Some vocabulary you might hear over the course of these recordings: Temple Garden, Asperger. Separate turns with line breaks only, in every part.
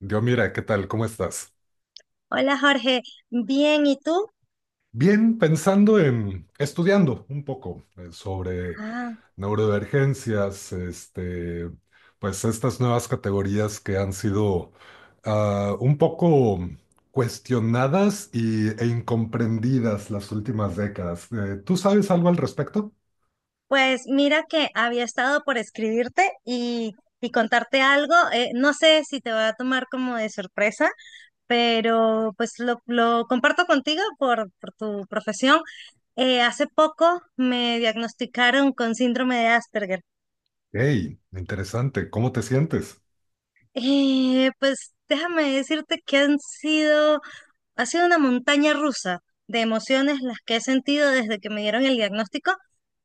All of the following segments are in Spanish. Yo, mira, ¿qué tal? ¿Cómo estás?
Hola Jorge, bien, ¿y tú?
Bien, pensando en estudiando un poco sobre
Ah,
neurodivergencias, pues estas nuevas categorías que han sido un poco cuestionadas e incomprendidas las últimas décadas. ¿Tú sabes algo al respecto?
pues mira que había estado por escribirte y contarte algo. No sé si te va a tomar como de sorpresa, pero pues lo comparto contigo por tu profesión. Hace poco me diagnosticaron con síndrome de Asperger.
Hey, interesante. ¿Cómo te sientes?
Pues déjame decirte que ha sido una montaña rusa de emociones las que he sentido desde que me dieron el diagnóstico,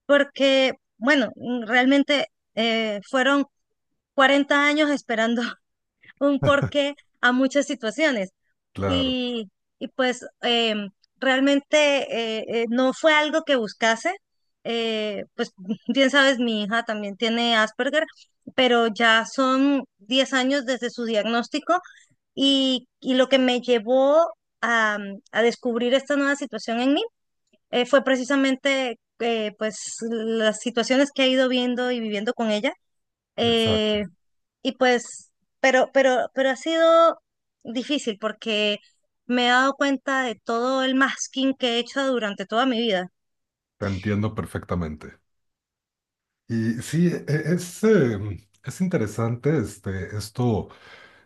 porque, bueno, realmente fueron 40 años esperando un porqué a muchas situaciones.
Claro,
Y, y pues em, Realmente no fue algo que buscase. Pues bien sabes, mi hija también tiene Asperger, pero ya son 10 años desde su diagnóstico y lo que me llevó a, a descubrir esta nueva situación en mí fue precisamente pues las situaciones que he ido viendo y viviendo con ella.
exacto.
Eh, y pues, pero ha sido difícil porque me he dado cuenta de todo el masking que he hecho durante toda mi vida.
Te entiendo perfectamente. Y sí, es, eh, es interesante esto.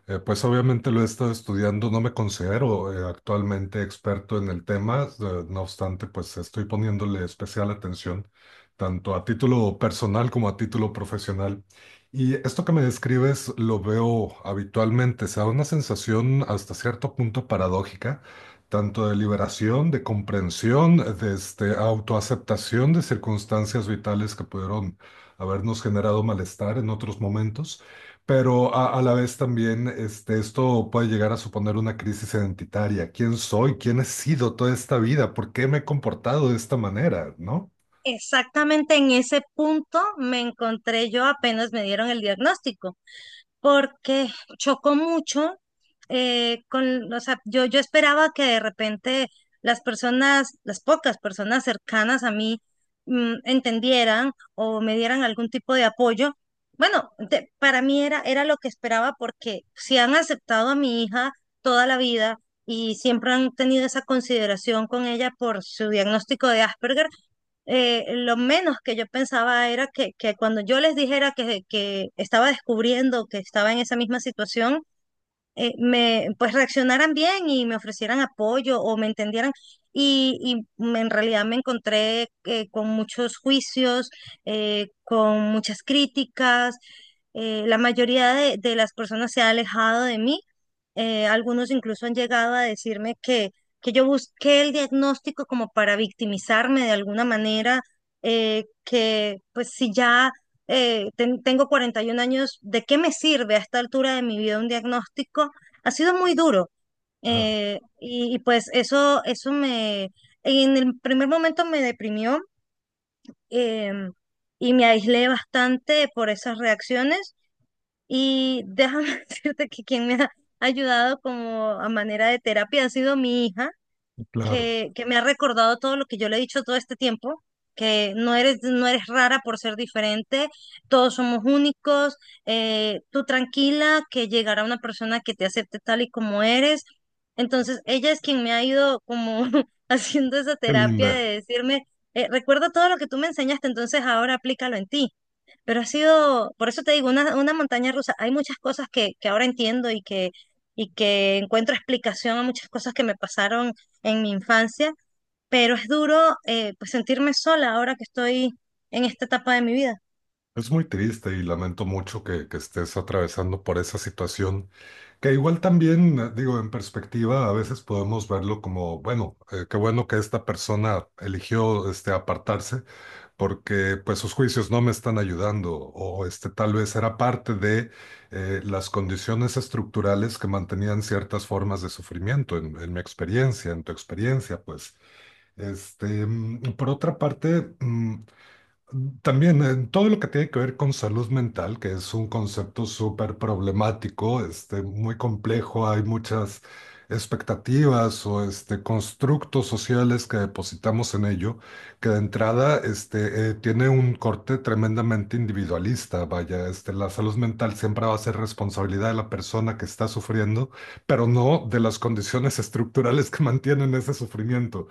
Pues obviamente lo he estado estudiando, no me considero actualmente experto en el tema, no obstante, pues estoy poniéndole especial atención, tanto a título personal como a título profesional. Y esto que me describes lo veo habitualmente, o sea, una sensación hasta cierto punto paradójica, tanto de liberación, de comprensión, autoaceptación de circunstancias vitales que pudieron habernos generado malestar en otros momentos, pero a la vez también esto puede llegar a suponer una crisis identitaria. ¿Quién soy? ¿Quién he sido toda esta vida? ¿Por qué me he comportado de esta manera? ¿No?
Exactamente en ese punto me encontré yo apenas me dieron el diagnóstico. Porque chocó mucho con, o sea, yo esperaba que de repente las personas, las pocas personas cercanas a mí entendieran o me dieran algún tipo de apoyo. Bueno, para mí era lo que esperaba porque si han aceptado a mi hija toda la vida y siempre han tenido esa consideración con ella por su diagnóstico de Asperger, lo menos que yo pensaba era que cuando yo les dijera que estaba descubriendo, que estaba en esa misma situación, pues reaccionaran bien y me ofrecieran apoyo o me entendieran. Y, en realidad me encontré con muchos juicios, con muchas críticas. La mayoría de las personas se ha alejado de mí. Algunos incluso han llegado a decirme que yo busqué el diagnóstico como para victimizarme de alguna manera, que pues si ya tengo 41 años, ¿de qué me sirve a esta altura de mi vida un diagnóstico? Ha sido muy duro.
Claro,
Y pues eso en el primer momento me deprimió em, y me aislé bastante por esas reacciones. Y déjame decirte que quien me ha ayudado como a manera de terapia ha sido mi hija
claro.
que me ha recordado todo lo que yo le he dicho todo este tiempo, que no eres rara por ser diferente, todos somos únicos, tú tranquila, que llegará una persona que te acepte tal y como eres. Entonces, ella es quien me ha ido como haciendo esa
Qué
terapia de
linda.
decirme, recuerda todo lo que tú me enseñaste, entonces ahora aplícalo en ti. Pero ha sido, por eso te digo, una montaña rusa. Hay muchas cosas que ahora entiendo y y que encuentro explicación a muchas cosas que me pasaron en mi infancia, pero es duro pues sentirme sola ahora que estoy en esta etapa de mi vida.
Es muy triste y lamento mucho que estés atravesando por esa situación, que igual también, digo, en perspectiva, a veces podemos verlo como, bueno, qué bueno que esta persona eligió apartarse, porque pues sus juicios no me están ayudando o este tal vez era parte de las condiciones estructurales que mantenían ciertas formas de sufrimiento en mi experiencia, en tu experiencia, pues. Este, mm, por otra parte, mm, también en todo lo que tiene que ver con salud mental, que es un concepto súper problemático, este, muy complejo, hay muchas expectativas o este, constructos sociales que depositamos en ello, que de entrada este, tiene un corte tremendamente individualista. Vaya, este, la salud mental siempre va a ser responsabilidad de la persona que está sufriendo, pero no de las condiciones estructurales que mantienen ese sufrimiento.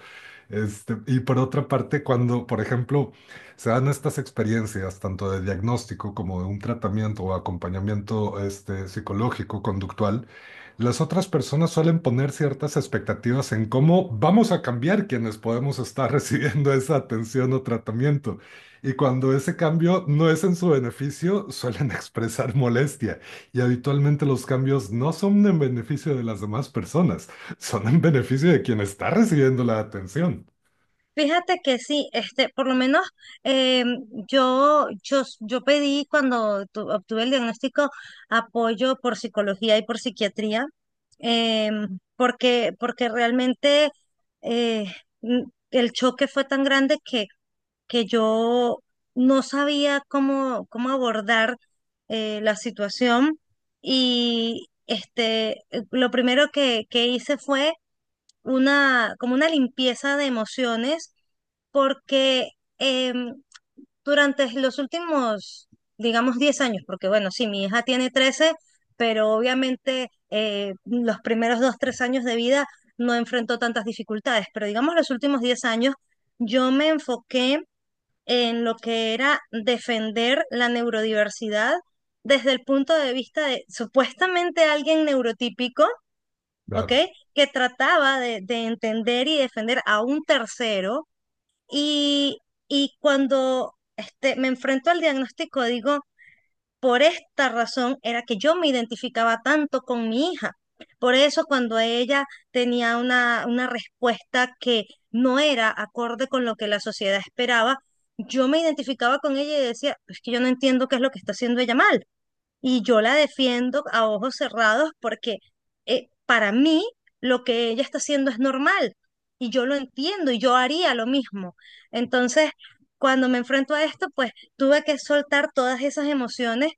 Este, y por otra parte, cuando, por ejemplo, se dan estas experiencias, tanto de diagnóstico como de un tratamiento o acompañamiento este, psicológico, conductual, las otras personas suelen poner ciertas expectativas en cómo vamos a cambiar quienes podemos estar recibiendo esa atención o tratamiento. Y cuando ese cambio no es en su beneficio, suelen expresar molestia. Y habitualmente los cambios no son en beneficio de las demás personas, son en beneficio de quien está recibiendo la atención.
Fíjate que sí, este, por lo menos em, yo pedí cuando obtuve el diagnóstico apoyo por psicología y por psiquiatría, porque realmente eh, n- el choque fue tan grande que yo no sabía cómo abordar la situación y este, lo primero que hice fue una, como una limpieza de emociones, porque em, durante los últimos, digamos, 10 años, porque bueno, sí, mi hija tiene 13 pero obviamente los primeros 2 3 años de vida no enfrentó tantas dificultades, pero digamos los últimos 10 años, yo me enfoqué en lo que era defender la neurodiversidad desde el punto de vista de supuestamente alguien neurotípico ¿ok?
Claro,
Que trataba de entender y defender a un tercero. Y, y cuando este, me enfrento al diagnóstico, digo, por esta razón era que yo me identificaba tanto con mi hija. Por eso cuando ella tenía una respuesta que no era acorde con lo que la sociedad esperaba, yo me identificaba con ella y decía, es que yo no entiendo qué es lo que está haciendo ella mal. Y yo la defiendo a ojos cerrados porque para mí lo que ella está haciendo es normal y yo lo entiendo y yo haría lo mismo. Entonces, cuando me enfrento a esto, pues tuve que soltar todas esas emociones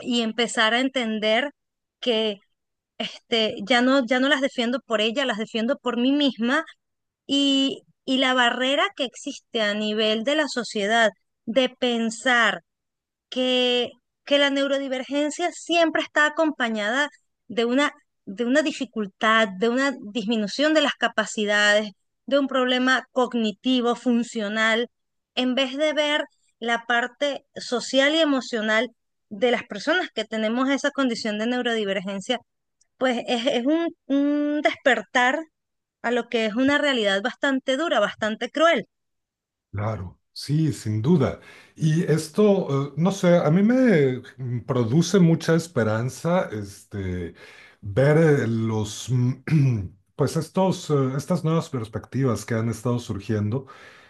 y empezar a entender que este, ya no las defiendo por ella, las defiendo por mí misma y la barrera que existe a nivel de la sociedad de pensar que, que la neurodivergencia siempre está acompañada de una, de una dificultad, de una disminución de las capacidades, de un problema cognitivo, funcional, en vez de ver la parte social y emocional de las personas que tenemos esa condición de neurodivergencia, pues es un despertar a lo que es una realidad bastante dura, bastante cruel.
claro. Sí, sin duda. Y esto, no sé, a mí me mm, produce mucha esperanza, este, ver los, mm, pues estas nuevas perspectivas que han estado surgiendo,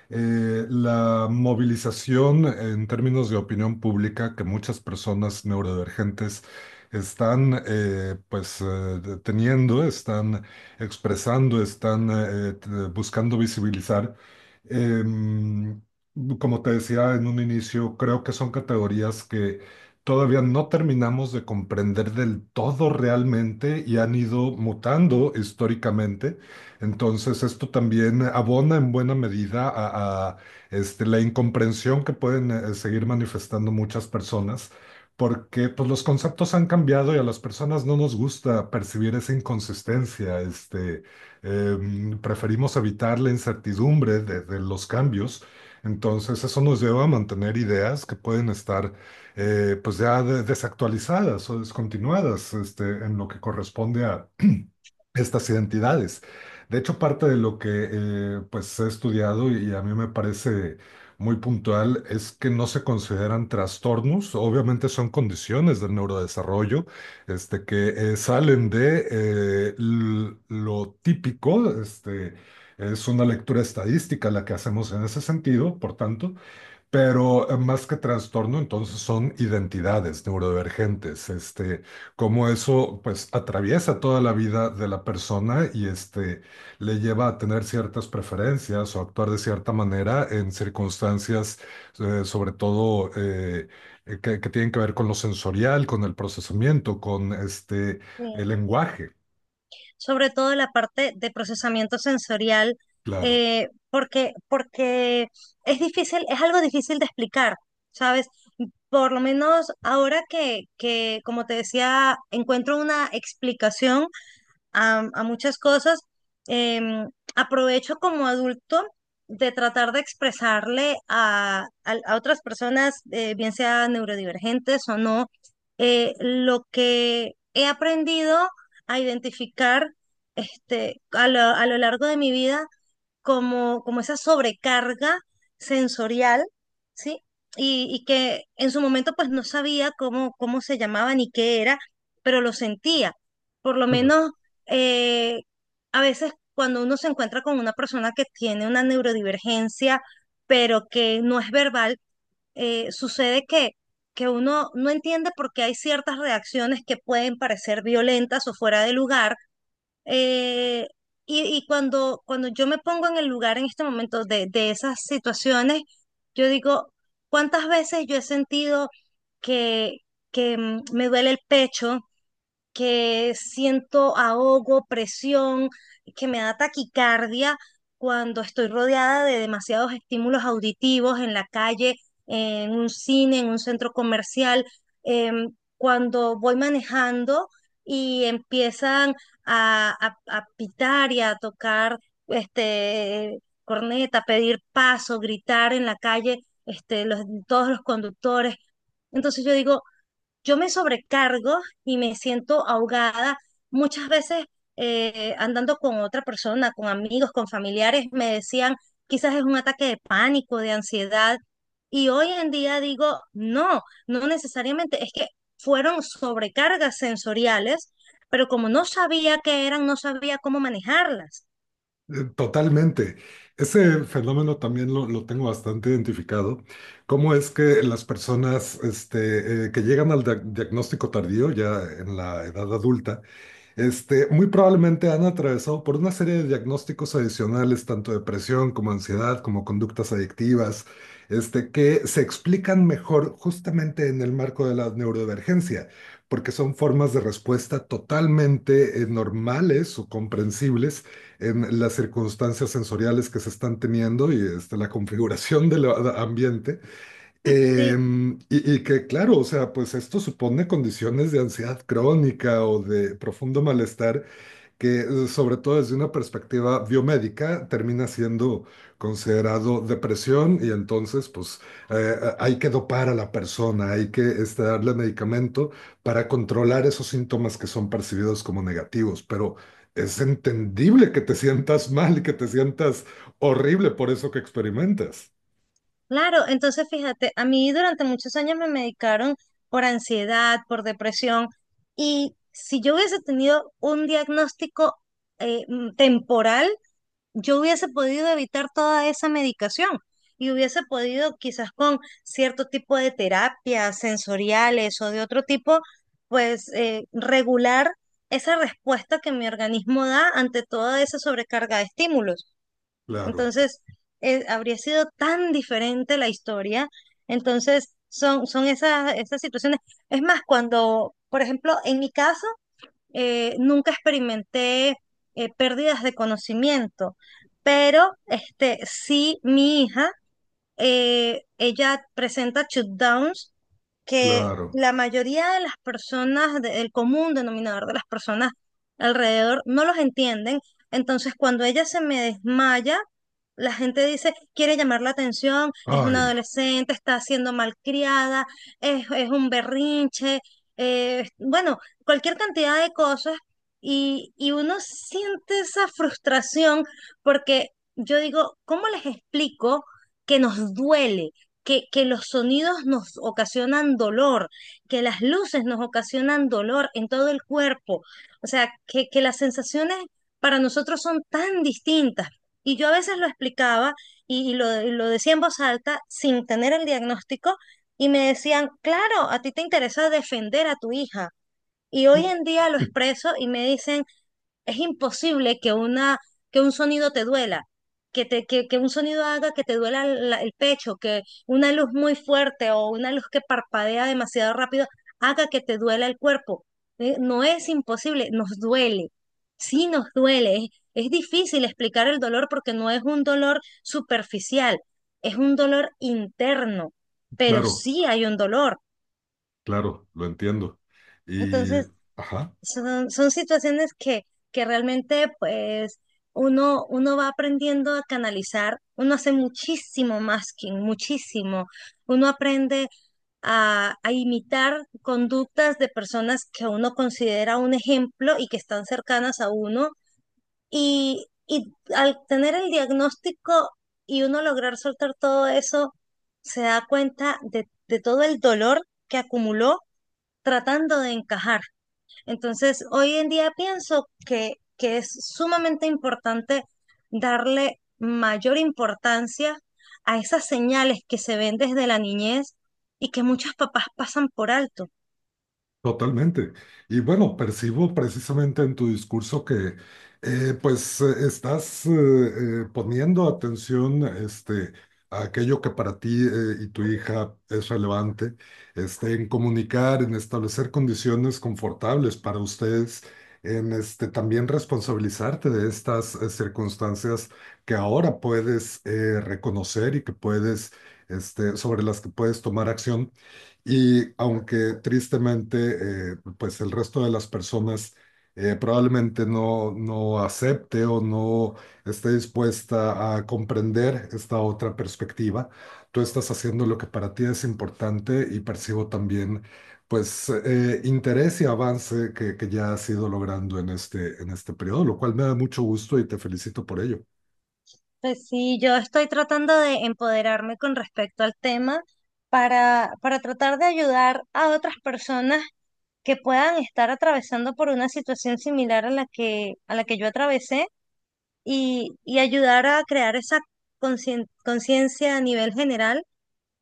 la movilización en términos de opinión pública que muchas personas neurodivergentes están pues teniendo, están expresando, están buscando visibilizar. Em, Como te decía en un inicio, creo que son categorías que todavía no terminamos de comprender del todo realmente y han ido mutando históricamente. Entonces, esto también abona en buena medida a, este, la incomprensión que pueden seguir manifestando muchas personas, porque pues, los conceptos han cambiado y a las personas no nos gusta percibir esa inconsistencia. Este, em, preferimos evitar la incertidumbre de los cambios. Entonces, eso nos lleva a mantener ideas que pueden estar pues ya desactualizadas o descontinuadas este, en lo que corresponde a estas identidades. De hecho, parte de lo que pues he estudiado y a mí me parece muy puntual es que no se consideran trastornos, obviamente son condiciones del neurodesarrollo, este, que salen de lo típico, este, es una lectura estadística la que hacemos en ese sentido, por tanto, pero más que trastorno, entonces son identidades neurodivergentes, este, cómo eso pues atraviesa toda la vida de la persona y este le lleva a tener ciertas preferencias o actuar de cierta manera en circunstancias, sobre todo que tienen que ver con lo sensorial, con el procesamiento, con este
Sí.
el lenguaje,
Sobre todo la parte de procesamiento sensorial,
claro.
porque es difícil, es algo difícil de explicar, ¿sabes? Por lo menos ahora como te decía, encuentro una explicación a muchas cosas. Em, Aprovecho como adulto de tratar de expresarle a, a otras personas, bien sean neurodivergentes o no, lo que he aprendido a identificar este, a lo largo de mi vida como esa sobrecarga sensorial, ¿sí? Y que en su momento pues no sabía cómo se llamaba ni qué era, pero lo sentía. Por lo menos eh, a veces cuando uno se encuentra con una persona que tiene una neurodivergencia, pero que no es verbal, sucede que uno no entiende por qué hay ciertas reacciones que pueden parecer violentas o fuera de lugar eh, y cuando yo me pongo en el lugar en este momento de esas situaciones, yo digo, ¿cuántas veces yo he sentido que, que me duele el pecho? Que siento ahogo, presión, que me da taquicardia cuando estoy rodeada de demasiados estímulos auditivos en la calle, en un cine, en un centro comercial, cuando voy manejando y empiezan a, a pitar y a tocar este corneta, pedir paso, gritar en la calle, este, los, todos los conductores. Entonces yo digo, yo me sobrecargo y me siento ahogada. Muchas veces andando con otra persona, con amigos, con familiares, me decían, quizás es un ataque de pánico, de ansiedad. Y hoy en día digo, no, no necesariamente, es que fueron sobrecargas sensoriales, pero como no sabía qué eran, no sabía cómo manejarlas.
Totalmente. Ese fenómeno también lo tengo bastante identificado. ¿Cómo es que las personas este, que llegan al diagnóstico tardío, ya en la edad adulta, este, muy probablemente han atravesado por una serie de diagnósticos adicionales, tanto depresión como ansiedad, como conductas adictivas, este, que se explican mejor justamente en el marco de la neurodivergencia, porque son formas de respuesta totalmente normales o comprensibles en las circunstancias sensoriales que se están teniendo y este, la configuración del ambiente.
Sí.
Em, y que claro, o sea, pues esto supone condiciones de ansiedad crónica o de profundo malestar, que sobre todo desde una perspectiva biomédica termina siendo considerado depresión y entonces pues hay que dopar a la persona, hay que este, darle medicamento para controlar esos síntomas que son percibidos como negativos, pero es entendible que te sientas mal y que te sientas horrible por eso que experimentas.
Claro, entonces fíjate, a mí durante muchos años me medicaron por ansiedad, por depresión, y si yo hubiese tenido un diagnóstico temporal, yo hubiese podido evitar toda esa medicación y hubiese podido quizás con cierto tipo de terapias sensoriales o de otro tipo, pues regular esa respuesta que mi organismo da ante toda esa sobrecarga de estímulos.
Claro,
Entonces, habría sido tan diferente la historia. Entonces, son esas situaciones. Es más, cuando, por ejemplo, en mi caso, nunca experimenté pérdidas de conocimiento, pero este, sí mi hija, ella presenta shutdowns que
claro.
la mayoría de las personas, el común denominador de las personas alrededor, no los entienden. Entonces, cuando ella se me desmaya, la gente dice, quiere llamar la atención, es una
Ay,
adolescente, está siendo malcriada, es un berrinche, bueno, cualquier cantidad de cosas. Y uno siente esa frustración porque yo digo, ¿cómo les explico que nos duele? Que los sonidos nos ocasionan dolor, que las luces nos ocasionan dolor en todo el cuerpo, o sea, que las sensaciones para nosotros son tan distintas. Y yo a veces lo explicaba y lo decía en voz alta sin tener el diagnóstico y me decían, claro, a ti te interesa defender a tu hija. Y hoy en día lo expreso y me dicen, es imposible que que un sonido te duela, que que un sonido haga que te duela el pecho, que una luz muy fuerte o una luz que parpadea demasiado rápido haga que te duela el cuerpo. No es imposible, nos duele. Sí nos duele. Es difícil explicar el dolor porque no es un dolor superficial, es un dolor interno, pero
claro,
sí hay un dolor.
claro, lo entiendo. Y,
Entonces,
ajá.
Son situaciones que realmente pues uno va aprendiendo a canalizar, uno hace muchísimo masking, muchísimo. Uno aprende a imitar conductas de personas que uno considera un ejemplo y que están cercanas a uno. Y al tener el diagnóstico y uno lograr soltar todo eso, se da cuenta de todo el dolor que acumuló tratando de encajar. Entonces, hoy en día pienso que es sumamente importante darle mayor importancia a esas señales que se ven desde la niñez y que muchos papás pasan por alto.
Totalmente. Y bueno, percibo precisamente en tu discurso que pues estás poniendo atención este, a aquello que para ti y tu hija es relevante, este, en comunicar, en establecer condiciones confortables para ustedes, en este, también responsabilizarte de estas circunstancias que ahora puedes reconocer y que puedes, este, sobre las que puedes tomar acción. Y aunque tristemente, pues el resto de las personas probablemente no, no acepte o no esté dispuesta a comprender esta otra perspectiva, tú estás haciendo lo que para ti es importante y percibo también, pues, interés y avance que ya has ido logrando en este periodo, lo cual me da mucho gusto y te felicito por ello.
Pues sí, yo estoy tratando de empoderarme con respecto al tema para tratar de ayudar a otras personas que puedan estar atravesando por una situación similar a la a la que yo atravesé y ayudar a crear esa conciencia a nivel general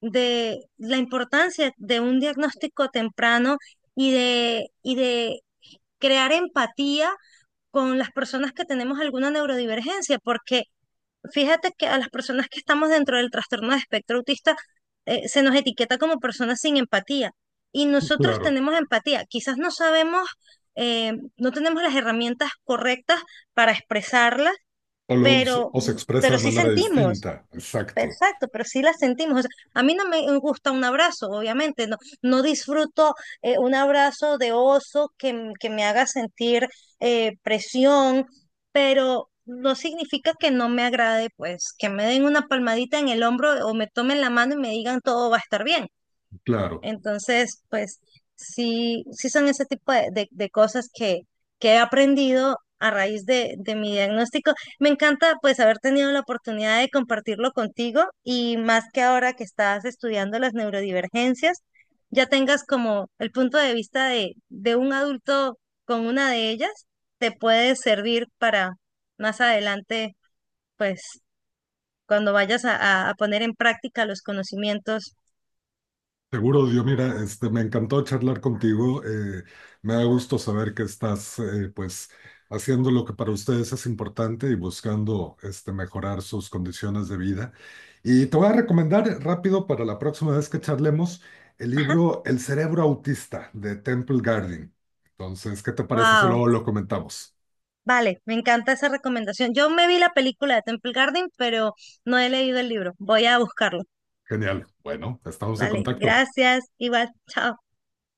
de la importancia de un diagnóstico temprano y de crear empatía con las personas que tenemos alguna neurodivergencia, porque fíjate que a las personas que estamos dentro del trastorno de espectro autista se nos etiqueta como personas sin empatía y nosotros
Claro.
tenemos empatía, quizás no sabemos, no tenemos las herramientas correctas para expresarla
O, los,
pero,
o se expresa
pero
de
sí
manera
sentimos,
distinta. Exacto.
exacto, pero sí la sentimos. O sea, a mí no me gusta un abrazo, obviamente, no disfruto un abrazo de oso que me haga sentir presión, pero no significa que no me agrade, pues, que me den una palmadita en el hombro o me tomen la mano y me digan todo va a estar bien.
Claro.
Entonces, pues sí, sí son ese tipo de, de cosas que he aprendido a raíz de mi diagnóstico. Me encanta pues haber tenido la oportunidad de compartirlo contigo y más que ahora que estás estudiando las neurodivergencias, ya tengas como el punto de vista de un adulto con una de ellas, te puede servir para más adelante, pues cuando vayas a, a poner en práctica los conocimientos.
Seguro, Dios, mira, este, me encantó charlar contigo. Me da gusto saber que estás, pues, haciendo lo que para ustedes es importante y buscando, este, mejorar sus condiciones de vida. Y te voy a recomendar rápido para la próxima vez que charlemos el
Ajá.
libro El cerebro autista de Temple Garden. Entonces, ¿qué te parece si
Wow.
luego lo comentamos?
Vale, me encanta esa recomendación. Yo me vi la película de Temple Garden, pero no he leído el libro. Voy a buscarlo.
Genial. Bueno, estamos en
Vale,
contacto.
gracias. Igual, chao.